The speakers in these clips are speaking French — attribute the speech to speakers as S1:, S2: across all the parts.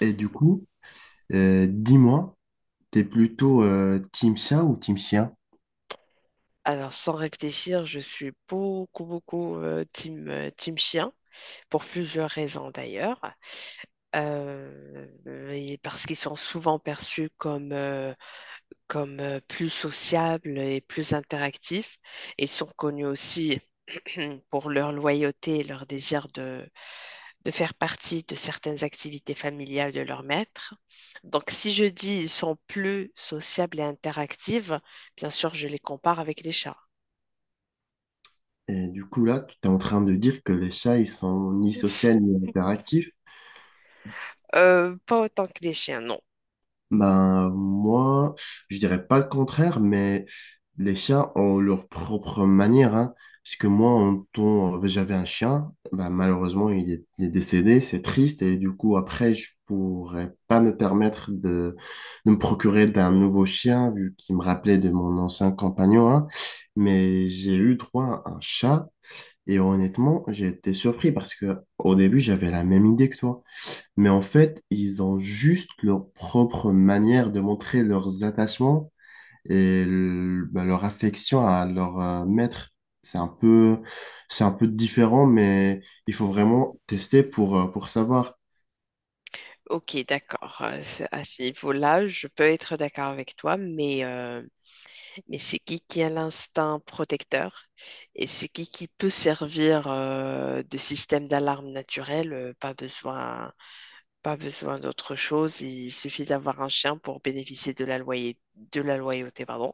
S1: Et du coup, dis-moi, t'es plutôt team chat ou team chien?
S2: Alors, sans réfléchir, je suis beaucoup, beaucoup team, team chien, pour plusieurs raisons d'ailleurs. Euh, et parce qu'ils sont souvent perçus comme plus sociables et plus interactifs. Ils sont connus aussi pour leur loyauté et leur désir de faire partie de certaines activités familiales de leur maître. Donc, si je dis ils sont plus sociables et interactifs, bien sûr, je les compare avec les chats.
S1: Et du coup, là, tu es en train de dire que les chats, ils sont ni sociaux ni interactifs.
S2: Pas autant que les chiens, non.
S1: Ben, moi, je dirais pas le contraire, mais les chats ont leur propre manière, hein. Parce que moi, en temps, j'avais un chien, ben, malheureusement, il est décédé, c'est triste, et du coup, après, je pourrais pas me permettre de me procurer d'un nouveau chien, vu qu'il me rappelait de mon ancien compagnon, hein. Mais j'ai eu droit à un chat, et honnêtement, j'ai été surpris parce que au début, j'avais la même idée que toi. Mais en fait, ils ont juste leur propre manière de montrer leurs attachements bah, leur affection à leur maître. C'est un peu, c'est un peu différent, mais il faut vraiment tester pour savoir.
S2: Ok, d'accord. À ce niveau-là, je peux être d'accord avec toi, mais c'est qui a l'instinct protecteur et c'est qui peut servir de système d'alarme naturel? Pas besoin, pas besoin d'autre chose. Il suffit d'avoir un chien pour bénéficier de de la loyauté, pardon,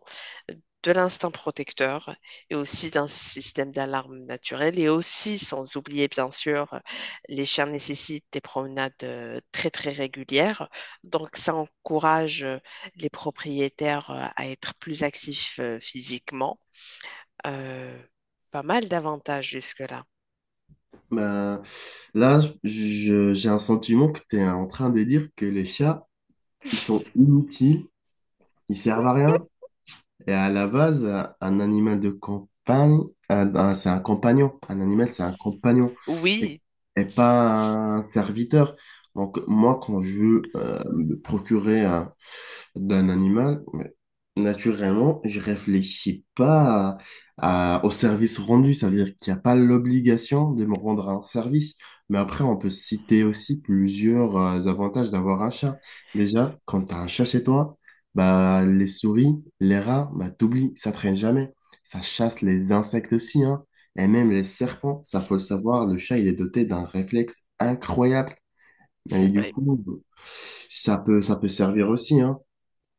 S2: de l'instinct protecteur et aussi d'un système d'alarme naturel. Et aussi, sans oublier, bien sûr, les chiens nécessitent des promenades très, très régulières. Donc, ça encourage les propriétaires à être plus actifs physiquement. Euh, Pas mal d'avantages jusque-là.
S1: Bah, là, j'ai un sentiment que tu es en train de dire que les chats, ils sont inutiles, ils servent à rien, et à la base, un animal de campagne, c'est un compagnon. Un animal, c'est un compagnon et,
S2: Oui,
S1: et pas un serviteur. Donc, moi, quand je veux me procurer d'un animal, mais naturellement, je réfléchis pas au service rendu. C'est-à-dire qu'il n'y a pas l'obligation de me rendre un service. Mais après, on peut citer aussi plusieurs avantages d'avoir un chat. Déjà, quand tu as un chat chez toi, bah, les souris, les rats, bah, t'oublies, ça traîne jamais. Ça chasse les insectes aussi, hein. Et même les serpents, ça faut le savoir, le chat, il est doté d'un réflexe incroyable. Et
S2: c'est
S1: du
S2: vrai.
S1: coup, ça peut servir aussi, hein.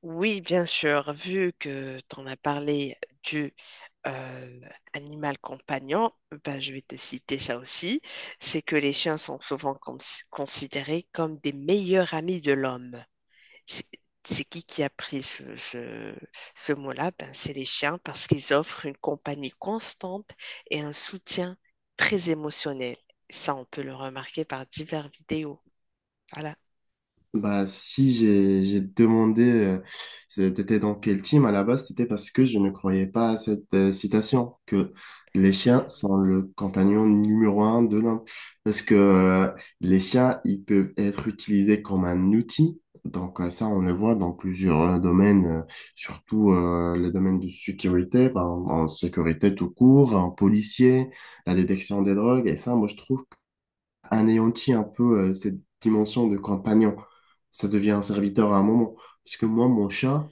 S2: Oui, bien sûr, vu que tu en as parlé du euh, animal compagnon, ben, je vais te citer ça aussi, c'est que les chiens sont souvent considérés comme des meilleurs amis de l'homme. C'est c'est qui a pris ce mot-là? Ben, c'est les chiens parce qu'ils offrent une compagnie constante et un soutien très émotionnel. Ça, on peut le remarquer par diverses vidéos. Voilà.
S1: Bah, si j'ai demandé c'était dans quel team à la base, c'était parce que je ne croyais pas à cette citation que les chiens sont le compagnon numéro 1 de l'homme. Parce que les chiens, ils peuvent être utilisés comme un outil. Donc ça, on le voit dans plusieurs domaines, surtout le domaine de sécurité, par en sécurité tout court, en policier, la détection des drogues. Et ça, moi, je trouve anéantit un peu cette dimension de compagnon. Ça devient un serviteur à un moment. Parce que moi, mon chat,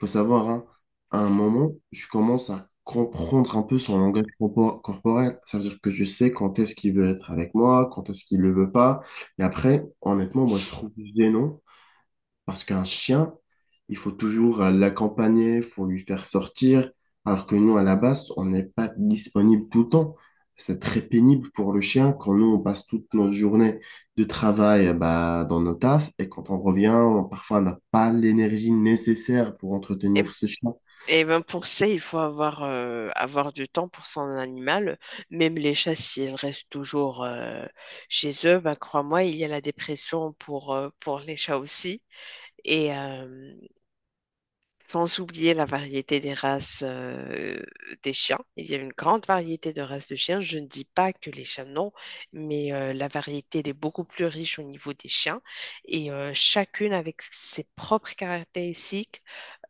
S1: faut savoir, hein, à un moment, je commence à comprendre un peu son langage corporel. Ça veut dire que je sais quand est-ce qu'il veut être avec moi, quand est-ce qu'il ne le veut pas. Et après, honnêtement, moi, je trouve gênant parce qu'un chien, il faut toujours l'accompagner, il faut lui faire sortir, alors que nous, à la base, on n'est pas disponible tout le temps. C'est très pénible pour le chien quand nous, on passe toute notre journée de travail bah, dans nos tafs et quand on revient, parfois, on n'a pas l'énergie nécessaire pour
S2: Et
S1: entretenir ce chien.
S2: Et ben pour ça, il faut avoir du temps pour son animal. Même les chats, s'ils restent toujours chez eux, ben crois-moi, il y a la dépression pour les chats aussi. Et, euh, Sans oublier la variété des races des chiens. Il y a une grande variété de races de chiens. Je ne dis pas que les chiens non, mais la variété elle est beaucoup plus riche au niveau des chiens. Chacune avec ses propres caractéristiques,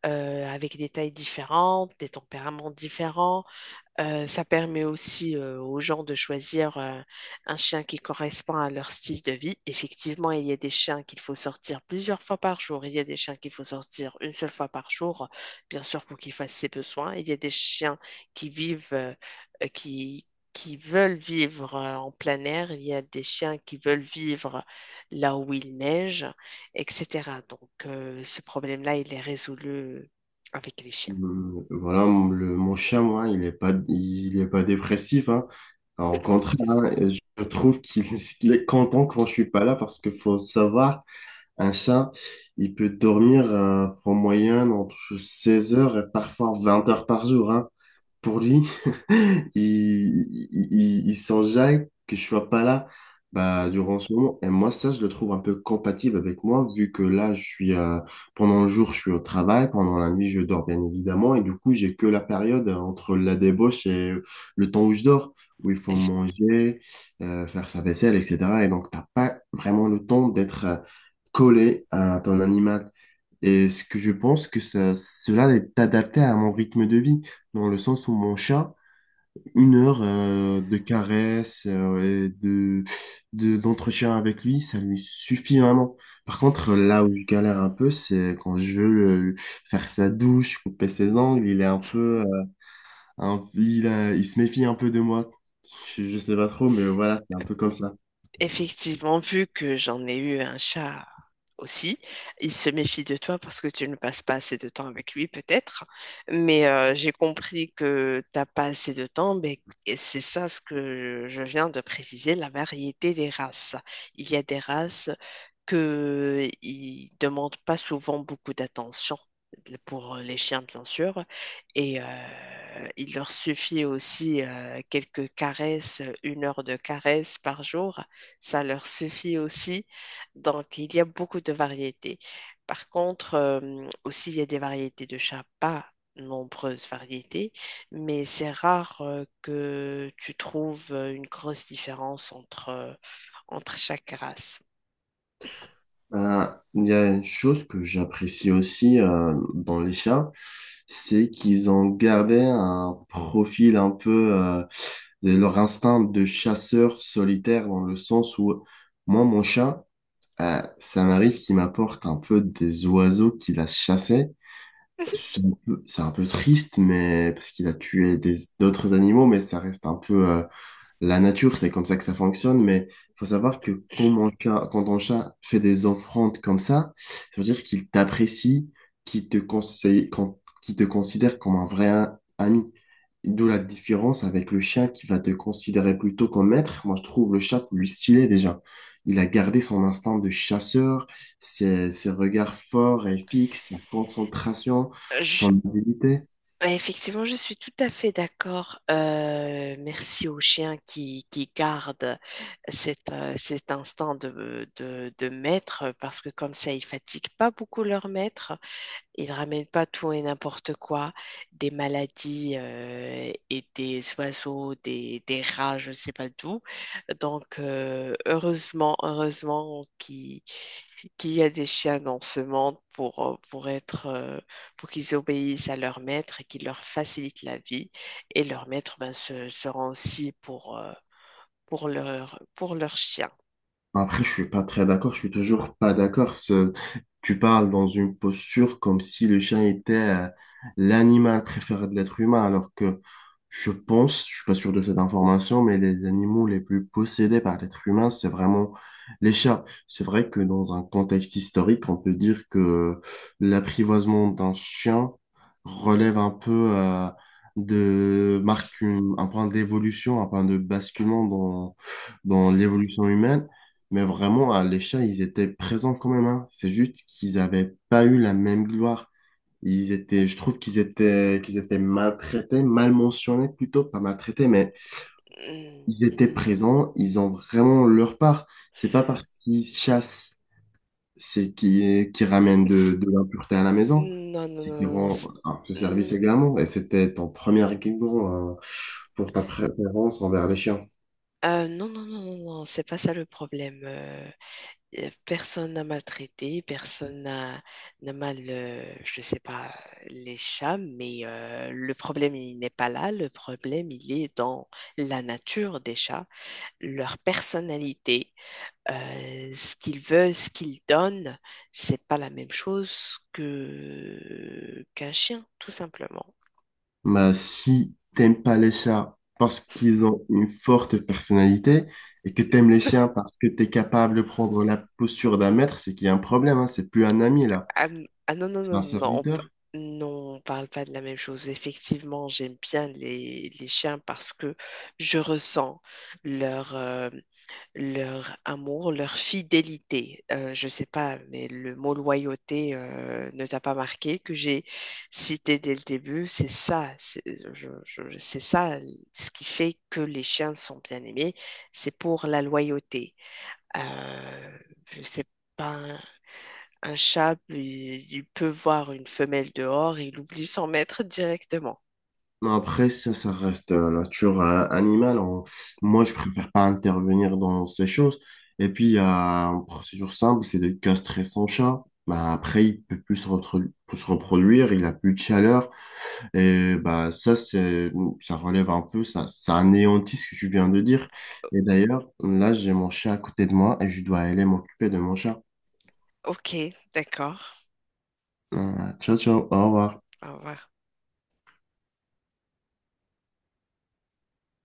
S2: avec des tailles différentes, des tempéraments différents. Ça permet aussi aux gens de choisir un chien qui correspond à leur style de vie. Effectivement, il y a des chiens qu'il faut sortir plusieurs fois par jour. Il y a des chiens qu'il faut sortir une seule fois par jour, bien sûr, pour qu'ils fassent ses besoins. Il y a des chiens qui vivent, euh, euh, qui, qui veulent vivre en plein air. Il y a des chiens qui veulent vivre là où il neige, etc. Donc, ce problème-là, il est résolu avec les chiens.
S1: Voilà, mon chien, moi, il est pas dépressif, hein. Alors, au contraire, hein, je trouve qu'il qu'il est content quand je suis pas là parce que faut savoir. Un chat, il peut dormir en moyenne entre 16 heures et parfois 20 heures par jour, hein. Pour lui, il s'en jaille que je sois pas là, bah, durant ce moment. Et moi, ça, je le trouve un peu compatible avec moi, vu que là, je suis, pendant le jour, je suis au travail, pendant la nuit, je dors, bien évidemment, et du coup, j'ai que la période entre la débauche et le temps où je dors, où il faut manger, faire sa vaisselle, etc. Et donc, t'as pas vraiment le temps d'être... collé à ton animal et ce que je pense que cela est adapté à mon rythme de vie, dans le sens où mon chat, 1 heure de caresses et d'entretien avec lui, ça lui suffit vraiment. Par contre, là où je galère un peu, c'est quand je veux faire sa douche, couper ses ongles, il est un peu, il se méfie un peu de moi. Je sais pas trop, mais voilà, c'est un peu comme ça.
S2: Effectivement, vu que j'en ai eu un chat aussi, il se méfie de toi parce que tu ne passes pas assez de temps avec lui, peut-être. Mais j'ai compris que t'as pas assez de temps, mais c'est ça ce que je viens de préciser, la variété des races. Il y a des races que ils demandent pas souvent beaucoup d'attention pour les chiens, bien sûr, et euh, il leur suffit aussi quelques caresses, une heure de caresses par jour ça leur suffit aussi. Donc, il y a beaucoup de variétés. Par contre, aussi, il y a des variétés de chats, pas nombreuses variétés, mais c'est rare que tu trouves une grosse différence entre chaque race.
S1: Ben, il y a une chose que j'apprécie aussi dans les chats, c'est qu'ils ont gardé un profil un peu de leur instinct de chasseur solitaire dans le sens où moi, mon chat, ça m'arrive qu'il m'apporte un peu des oiseaux qu'il a chassés. C'est un peu triste, mais parce qu'il a tué d'autres animaux, mais ça reste un peu la nature, c'est comme ça que ça fonctionne, mais il faut savoir que quand, quand ton chat fait des offrandes comme ça veut dire qu'il t'apprécie, qu'il te conseille, qu'il te considère comme un vrai ami. D'où la différence avec le chien qui va te considérer plutôt comme maître. Moi, je trouve le chat plus stylé déjà. Il a gardé son instinct de chasseur, ses regards forts et fixes, sa concentration, son
S2: Je-
S1: habileté.
S2: Effectivement, je suis tout à fait d'accord. Merci aux chiens qui gardent cet instinct de maître parce que comme ça, ils fatiguent pas beaucoup leur maître. Ils ramènent pas tout et n'importe quoi, des maladies et des oiseaux, des rats, je ne sais pas d'où. Donc, heureusement, heureusement qu'il y a des chiens dans ce monde pour pour qu'ils obéissent à leur maître et qu'ils leur facilitent la vie. Et leur maître ben, se rend aussi pour leur chien.
S1: Après, je suis pas très d'accord, je suis toujours pas d'accord parce que tu parles dans une posture comme si le chien était l'animal préféré de l'être humain, alors que je pense, je suis pas sûr de cette information, mais les animaux les plus possédés par l'être humain, c'est vraiment les chats. C'est vrai que dans un contexte historique, on peut dire que l'apprivoisement d'un chien relève un peu marque un point d'évolution, un point de basculement dans l'évolution humaine. Mais vraiment, à l'Échat, ils étaient présents quand même, hein. C'est juste qu'ils n'avaient pas eu la même gloire. Ils étaient, je trouve qu'ils étaient maltraités, mal mentionnés plutôt, pas maltraités, mais
S2: Mm,
S1: ils étaient
S2: mm.
S1: présents, ils ont vraiment leur part. C'est pas parce qu'ils chassent, c'est qu'ils ramènent de l'impureté à la maison,
S2: Non, non,
S1: c'est
S2: non,
S1: qu'ils
S2: non, non,
S1: rendent un peu service
S2: mm.
S1: également. Et c'était ton premier argument, pour ta préférence envers les chiens.
S2: Non, non, non, non, non, c'est pas ça le problème. Personne n'a maltraité, personne n'a n'a mal, je sais pas, les chats, mais le problème, il n'est pas là. Le problème, il est dans la nature des chats, leur personnalité, ce qu'ils veulent, ce qu'ils donnent, c'est pas la même chose que qu'un chien, tout simplement.
S1: Bah, si t'aimes pas les chats parce qu'ils ont une forte personnalité et que t'aimes les chiens parce que t'es capable de prendre la posture d'un maître, c'est qu'il y a un problème, hein. C'est plus un ami là,
S2: Ah, ah non, non,
S1: c'est un
S2: non, non, non,
S1: serviteur.
S2: non, on parle pas de la même chose. Effectivement, j'aime bien les chiens parce que je ressens leur, euh, leur amour, leur fidélité. Je sais pas, mais le mot loyauté, ne t'a pas marqué, que j'ai cité dès le début. C'est ça, c'est c'est ça ce qui fait que les chiens sont bien aimés. C'est pour la loyauté. Euh, je sais pas. Un chat, il peut voir une femelle dehors et il oublie son maître directement.
S1: Non, après, ça reste la nature animale. Moi, je préfère pas intervenir dans ces choses. Et puis, il y a une procédure simple, c'est de castrer son chat. Bah, après, il peut plus se reproduire, il a plus de chaleur. Et bah, ça, ça relève un peu, ça anéantit ce que tu viens de dire. Et d'ailleurs, là, j'ai mon chat à côté de moi et je dois aller m'occuper de mon chat.
S2: Ok, d'accord.
S1: Ciao, ciao, au revoir.
S2: Au revoir.